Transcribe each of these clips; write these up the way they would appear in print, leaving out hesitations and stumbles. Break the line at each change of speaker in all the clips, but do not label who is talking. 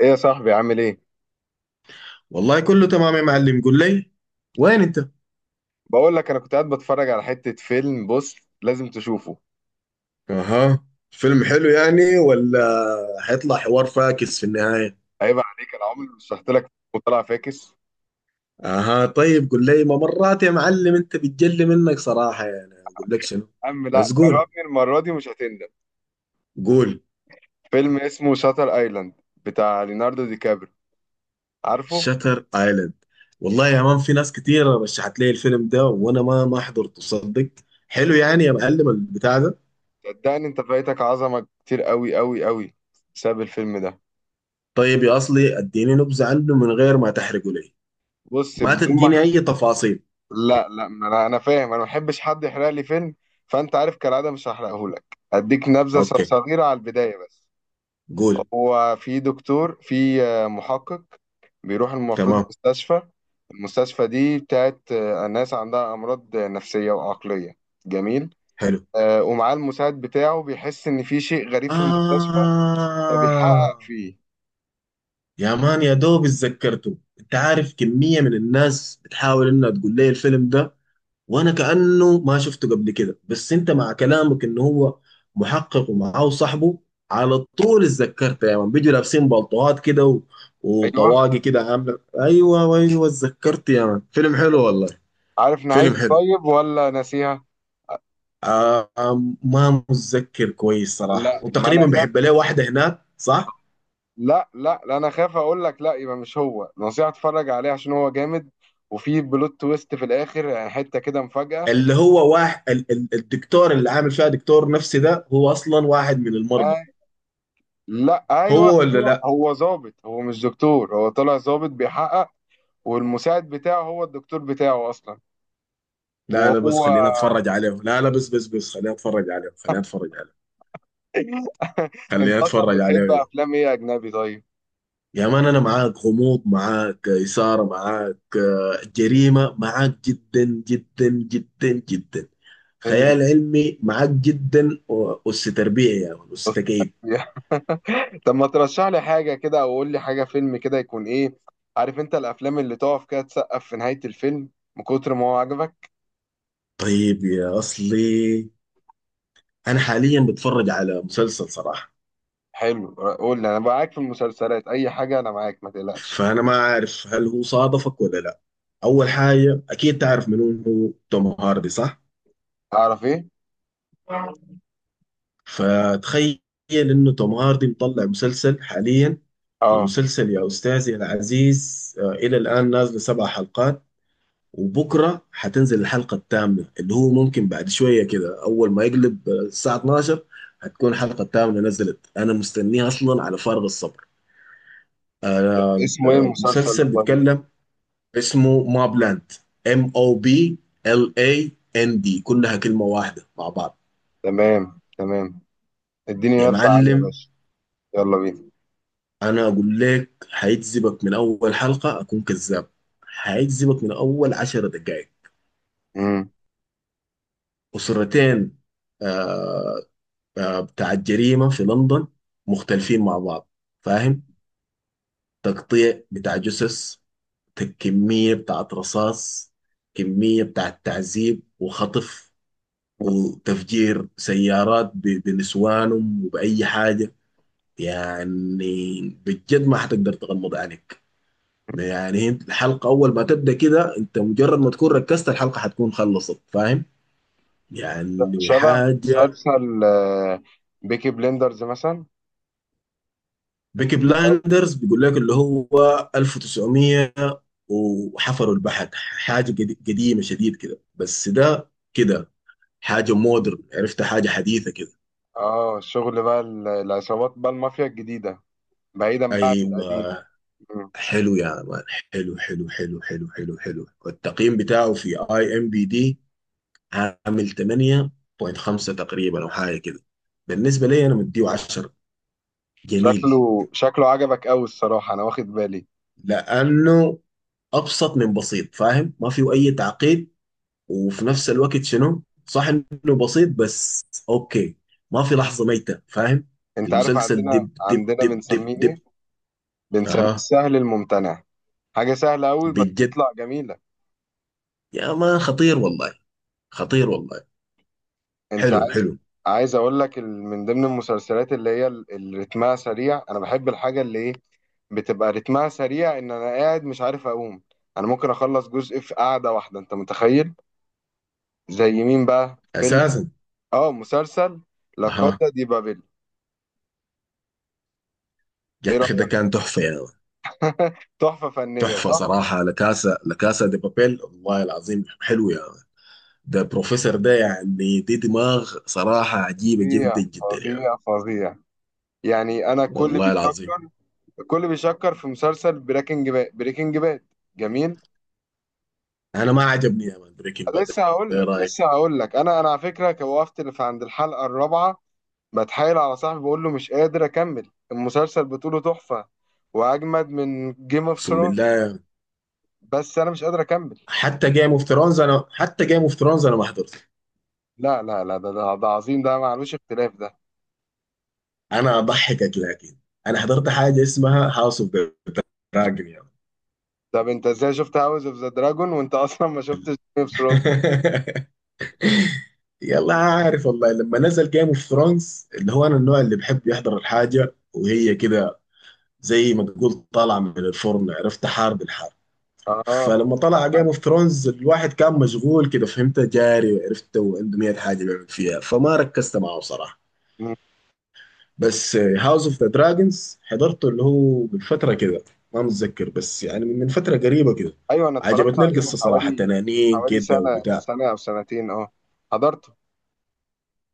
ايه يا صاحبي عامل ايه؟
والله كله تمام يا معلم، قول لي وين انت.
بقول لك انا كنت قاعد بتفرج على حتة فيلم. بص، لازم تشوفه.
اها. فيلم حلو يعني ولا هيطلع حوار فاكس في النهاية؟
عيب عليك، انا عمري ما شرحت لك وطلع فاكس.
اها، طيب قول لي ما مرات يا معلم، انت بتجلي منك صراحة يعني اقول لك شنو.
عم لا،
بس قول
جربني المرة دي مش هتندم.
قول.
فيلم اسمه شاتر ايلاند بتاع ليوناردو دي كابري، عارفه؟
شتر ايلاند. والله يا مان، في ناس كتيرة رشحت لي الفيلم ده وانا ما حضرته صدق. حلو يعني يا معلم البتاع ده؟
صدقني انت فايتك عظمة كتير قوي قوي قوي بسبب الفيلم ده.
طيب يا اصلي، اديني نبذة عنه من غير ما تحرقه لي.
بص،
ما
بدون
تديني
ما
اي تفاصيل.
لا ما انا فاهم، انا ما بحبش حد يحرق لي فيلم، فانت عارف كالعادة مش هحرقه لك. اديك نبذة
اوكي.
صغيرة على البداية بس.
قول.
هو في دكتور، في محقق، بيروح المفروض
تمام.
مستشفى. المستشفى دي بتاعت ناس عندها أمراض نفسية وعقلية. جميل.
حلو.
ومعاه المساعد بتاعه، بيحس إن في شيء غريب في المستشفى، فبيحقق
آه.
فيه.
يا مان، يا دوب اتذكرته. انت عارف كمية من الناس بتحاول انها تقول لي الفيلم ده، وانا كأنه ما شفته قبل كده. بس انت مع كلامك انه هو محقق ومعاه صاحبه، على طول اتذكرته يا مان. بيجوا لابسين بلطوات كده
أيوه،
وطواقي كده. عاملة ايوه ايوه، اتذكرت يا مان، فيلم حلو والله.
عارف
فيلم
نهايته
حلو.
طيب ولا ناسيها؟
ما متذكر كويس صراحة،
لا، ما أنا
وتقريبا
خاف.
بحب له واحدة هناك، صح؟
لا، أنا خاف أقول لك، لا يبقى مش هو. نصيحة اتفرج عليه عشان هو جامد، وفي بلوت تويست في الآخر، يعني حتة كده مفاجأة.
اللي هو واحد الدكتور اللي عامل فيها دكتور نفسي ده، هو اصلا واحد من المرضى.
آه، لا، أيوه
هو ولا
أيوه،
لا.
هو ظابط، هو مش دكتور، هو طلع ظابط بيحقق. والمساعد بتاعه هو الدكتور بتاعه اصلا.
لا لا، بس
وهو
خلينا اتفرج عليه. لا لا، بس بس بس خلينا اتفرج عليه. خلينا اتفرج عليه.
انت
خلينا
اصلا
اتفرج عليه
بتحب
يا.
افلام ايه اجنبي؟ طيب،
يا مان، انا معاك غموض، معاك اثاره، معاك جريمه، معاك جدا جدا جدا جدا.
حلو.
خيال علمي معاك جدا، وأس تربيع يا مان، أس تكييف.
طب ما ترشح لي حاجه كده، او قول لي حاجه، فيلم كده يكون ايه. عارف انت الافلام اللي تقف كده، تسقف في نهايه الفيلم من كتر ما هو عجبك.
طيب يا اصلي، انا حاليا بتفرج على مسلسل صراحه.
حلو، قول لي، انا معاك في المسلسلات، اي حاجه انا معاك ما تقلقش.
فانا ما عارف هل هو صادفك ولا لا. اول حاجه، اكيد تعرف منو هو توم هاردي، صح؟
تعرف ايه؟
فتخيل انه توم هاردي مطلع مسلسل حاليا.
اه.
المسلسل يا استاذي العزيز، الى الان نازل 7 حلقات. وبكره حتنزل الحلقه الثامنه، اللي هو ممكن بعد شويه كده اول ما يقلب الساعه 12 هتكون الحلقه الثامنه نزلت. انا مستنيها اصلا على فارغ الصبر.
اسمه ايه المسلسل ده
المسلسل
طيب؟
بيتكلم. اسمه موب لاند. MOBLAND، كلها كلمه واحده مع بعض.
تمام تمام. اديني
يا
نبذه عنه يا
معلم،
باشا، يلا بينا.
انا اقول لك هيجذبك من اول حلقه اكون كذاب. هيجذبك من اول 10 دقائق.
امم،
اسرتين آه، بتاع الجريمه في لندن. مختلفين مع بعض، فاهم. تقطيع بتاع جثث، كميه بتاعت رصاص، كميه بتاعت تعذيب وخطف، وتفجير سيارات بنسوانهم وبأي حاجة يعني. بجد ما حتقدر تغمض عينك يعني. انت الحلقة أول ما تبدأ كده، أنت مجرد ما تكون ركزت الحلقة حتكون خلصت، فاهم؟ يعني
شبه
حاجة.
مسلسل بيكي بليندرز مثلا.
بيكي
أو-
بلايندرز بيقول لك اللي هو 1900 وحفروا البحر، حاجة قديمة شديد كده. بس ده كده حاجة مودرن، عرفت، حاجة حديثة كده.
اه، شغل بقى العصابات بقى، المافيا الجديدة، بعيدا بقى عن القديم.
أيوة.
مم.
حلو يا مان. حلو حلو حلو حلو حلو حلو، والتقييم بتاعه في IMDb عامل 8.5 تقريبا او حاجه كده. بالنسبه لي انا مديه 10. جميل.
شكله عجبك قوي الصراحة، انا واخد بالي.
لانه ابسط من بسيط، فاهم، ما فيه اي تعقيد. وفي نفس الوقت شنو، صح، انه بسيط بس اوكي. ما في لحظه ميته، فاهم.
انت عارف
المسلسل
عندنا،
دب دب
عندنا
دب دب
بنسميه
دب.
ايه؟ بنسميه
اها.
السهل الممتنع. حاجة سهلة قوي بس
بجد
تطلع جميلة.
يا مان، خطير والله. خطير والله.
انت
حلو
عايز،
حلو.
عايز اقول لك من ضمن المسلسلات اللي هي اللي رتمها سريع. انا بحب الحاجه اللي ايه، بتبقى رتمها سريع ان انا قاعد مش عارف اقوم. انا ممكن اخلص جزء في قعده واحده، انت متخيل؟ زي مين بقى؟ فيلم،
اساسا.
اه مسلسل، لا
اها.
كاسا دي بابل. ايه
يا
رايك؟
اخي ده كان تحفه يا مان.
تحفه فنيه
تحفه
صح؟
صراحه، لكاسا لكاسا دي بابيل، والله العظيم حلو يا مان. ده بروفيسور ده يعني، دي دماغ صراحه عجيبه
فظيع
جدا جدا يا مان.
فظيع فظيع. يعني انا كل
والله العظيم.
بيشكر، كل بيشكر في مسلسل بريكنج باد، بريكنج باد. جميل.
انا ما عجبني يا مان بريكنج باد.
لسه هقول
ايه
لك، لسه
رايك.
هقول لك، انا على فكره وقفت في عند الحلقه الرابعه. بتحايل على صاحبي بقول له مش قادر اكمل المسلسل بطوله. تحفه، واجمد من جيم اوف
اقسم
ثرونز،
بالله.
بس انا مش قادر اكمل.
حتى جيم اوف ثرونز انا، حتى جيم اوف ثرونز انا ما حضرته.
لا لا لا، ده ده عظيم، ده معلوش اختلاف ده.
انا اضحكك لكن انا حضرت حاجه اسمها هاوس اوف دراجون يا مان.
طب انت ازاي شفت هاوس اوف ذا دراجون وانت اصلا ما شفتش جيم اوف ثرونز؟
يلا، عارف والله لما نزل جيم اوف ثرونز اللي هو انا النوع اللي بحب يحضر الحاجه وهي كده، زي ما تقول طلع من الفرن، عرفت، حار بالحار.
اه،
فلما طلع جيم اوف
حلقة.
ثرونز الواحد كان مشغول كده، فهمت، جاري عرفت وعنده 100 حاجه بيعمل فيها، فما ركزت معه بصراحه.
مم.
بس هاوس اوف ذا دراجونز حضرته اللي هو من فتره كده، ما متذكر بس يعني من فتره قريبه كده.
ايوه انا اتفرجت
عجبتني
عليه من
القصه صراحه،
حوالي، من
تنانين
حوالي
كده
سنه،
وبتاع.
سنه او سنتين، اه. حضرت.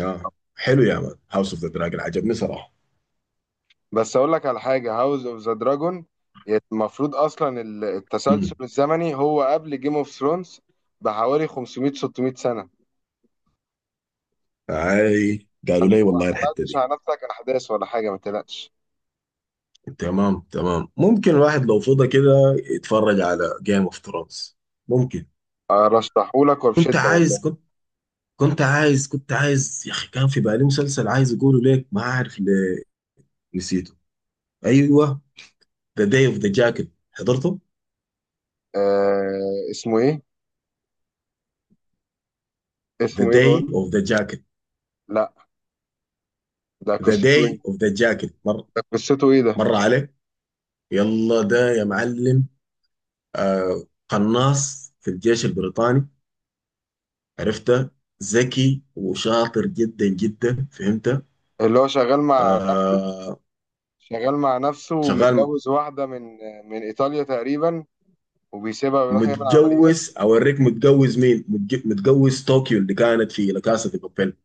اه حلو يا مان، هاوس اوف ذا دراجون عجبني صراحه.
بس اقول لك على حاجه، هاوس اوف ذا دراجون المفروض اصلا
امم.
التسلسل الزمني هو قبل جيم اوف ثرونز بحوالي 500 600 سنه.
اي قالوا
فانت
لي
ما
والله الحته
حرقتش
دي.
على نفسك احداث ولا حاجه، ما تقلقش.
تمام تمام، ممكن الواحد لو فضى كده يتفرج على جيم اوف ثرونز، ممكن.
ارشحهولك
كنت
وبشده
عايز
والله.
كنت كنت عايز يا اخي، كان في بالي مسلسل عايز اقوله ليك ما عارف ليه، نسيته. ايوه. ذا داي اوف ذا جاكيت حضرته.
آه، اسمه ايه؟
ذا
اسمه ايه بقول
داي
لك؟
اوف ذا جاكيت.
لا، ده
ذا
قصته
داي
ايه؟
اوف ذا جاكيت مر.
ده قصته ايه ده؟
مر عليك. يلا ده يا معلم. آه، قناص في الجيش البريطاني. عرفته. ذكي وشاطر جدا جدا فهمته.
اللي هو شغال مع نفسه،
آه.
شغال مع نفسه،
شغال.
ومتجوز واحده من، من ايطاليا تقريبا، وبيسيبها ويروح يعمل عمليات.
متجوز اوريك، متجوز مين، متجوز طوكيو اللي كانت في لكاسة في بابيل.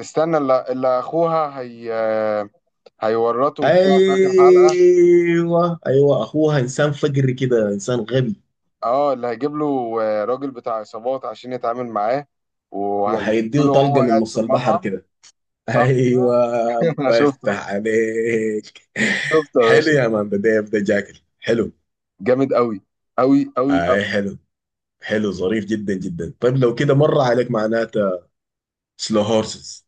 استنى، اللي اخوها هي هيورطه وبتاع في اخر حلقه.
ايوه ايوه، اخوها انسان فقري كده، انسان غبي.
اه، اللي هيجيب له راجل بتاع عصابات عشان يتعامل معاه،
وهيديه
وهيقتله وهو
طلقه من
قاعد في
نص البحر
المطعم،
كده.
صح كده؟
ايوه.
انا
الله
شفته،
يفتح عليك.
شفته يا
حلو
باشا.
يا مان، ده ديف ده جاكل حلو.
جامد قوي، قوي قوي قوي.
اي حلو. حلو ظريف جدا جدا. طيب لو كده مر عليك، معناته، سلو هورسز.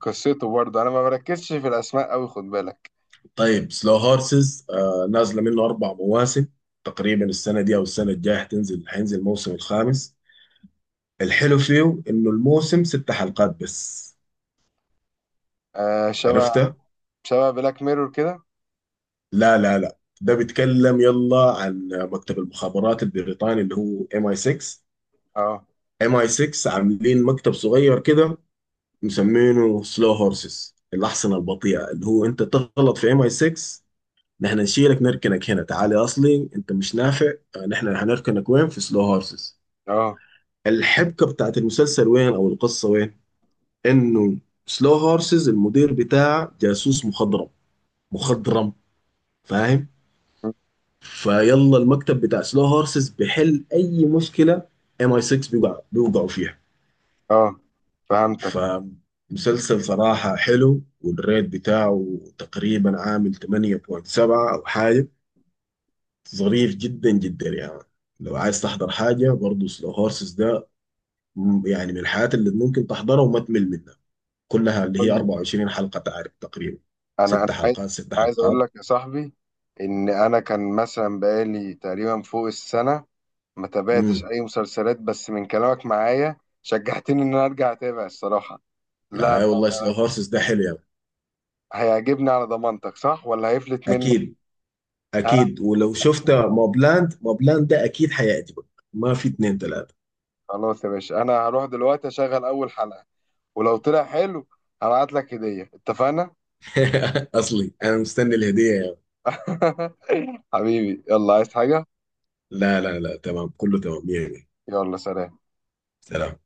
قصته برضه انا ما بركزش في الاسماء قوي، خد بالك.
طيب سلو هورسز نازله منه 4 مواسم تقريبا، السنه دي او السنه الجايه هتنزل هينزل الموسم الخامس. الحلو فيه انه الموسم 6 حلقات بس.
آه، شبه،
عرفته.
شبه بلاك ميرور كده؟
لا لا لا، ده بيتكلم يلا عن مكتب المخابرات البريطاني اللي هو ام اي 6.
اه
ام اي 6 عاملين مكتب صغير كده، مسمينه سلو هورسز، الاحصنه البطيئه، اللي هو انت تغلط في ام اي 6 نحن نشيلك نركنك هنا، تعالي اصلي انت مش نافع. نحن هنركنك وين؟ في سلو هورسز.
اه
الحبكه بتاعت المسلسل وين او القصه وين؟ انه سلو هورسز المدير بتاع جاسوس مخضرم. مخضرم، فاهم. فيلا المكتب بتاع سلو هورسز بيحل اي مشكله ام اي 6 بيوقعوا فيها.
اه، فهمتك.
فمسلسل صراحه حلو، والريت بتاعه تقريبا عامل 8.7 او حاجه. ظريف جدا جدا يعني. لو عايز تحضر حاجه برضه سلو هورسز ده. يعني من الحاجات اللي ممكن تحضرها وما تمل منها، كلها اللي هي
طيب
24 حلقة تعرف تقريبا،
انا، انا
ست
عايز،
حلقات ست
عايز اقول
حلقات
لك يا صاحبي ان انا كان مثلا بقالي تقريبا فوق السنه ما تابعتش
امم.
اي مسلسلات، بس من كلامك معايا شجعتني ان انا ارجع اتابع الصراحه. لا لا
اي والله سلو
لا.
هورسز ده حلو يعني.
هيعجبني على ضمانتك صح، ولا هيفلت منك؟
اكيد.
ها.
اكيد، ولو شفت موبلاند موبلاند ده اكيد حيعجبك. ما في اتنين تلاتة.
خلاص يا باشا، انا هروح دلوقتي اشغل اول حلقه، ولو طلع حلو هبعت لك هديه، اتفقنا؟
اصلي انا مستني الهدية يعني.
حبيبي يلا، عايز حاجه؟
لا لا لا، تمام، كله تمام يعني.
يلا، سلام.
سلام.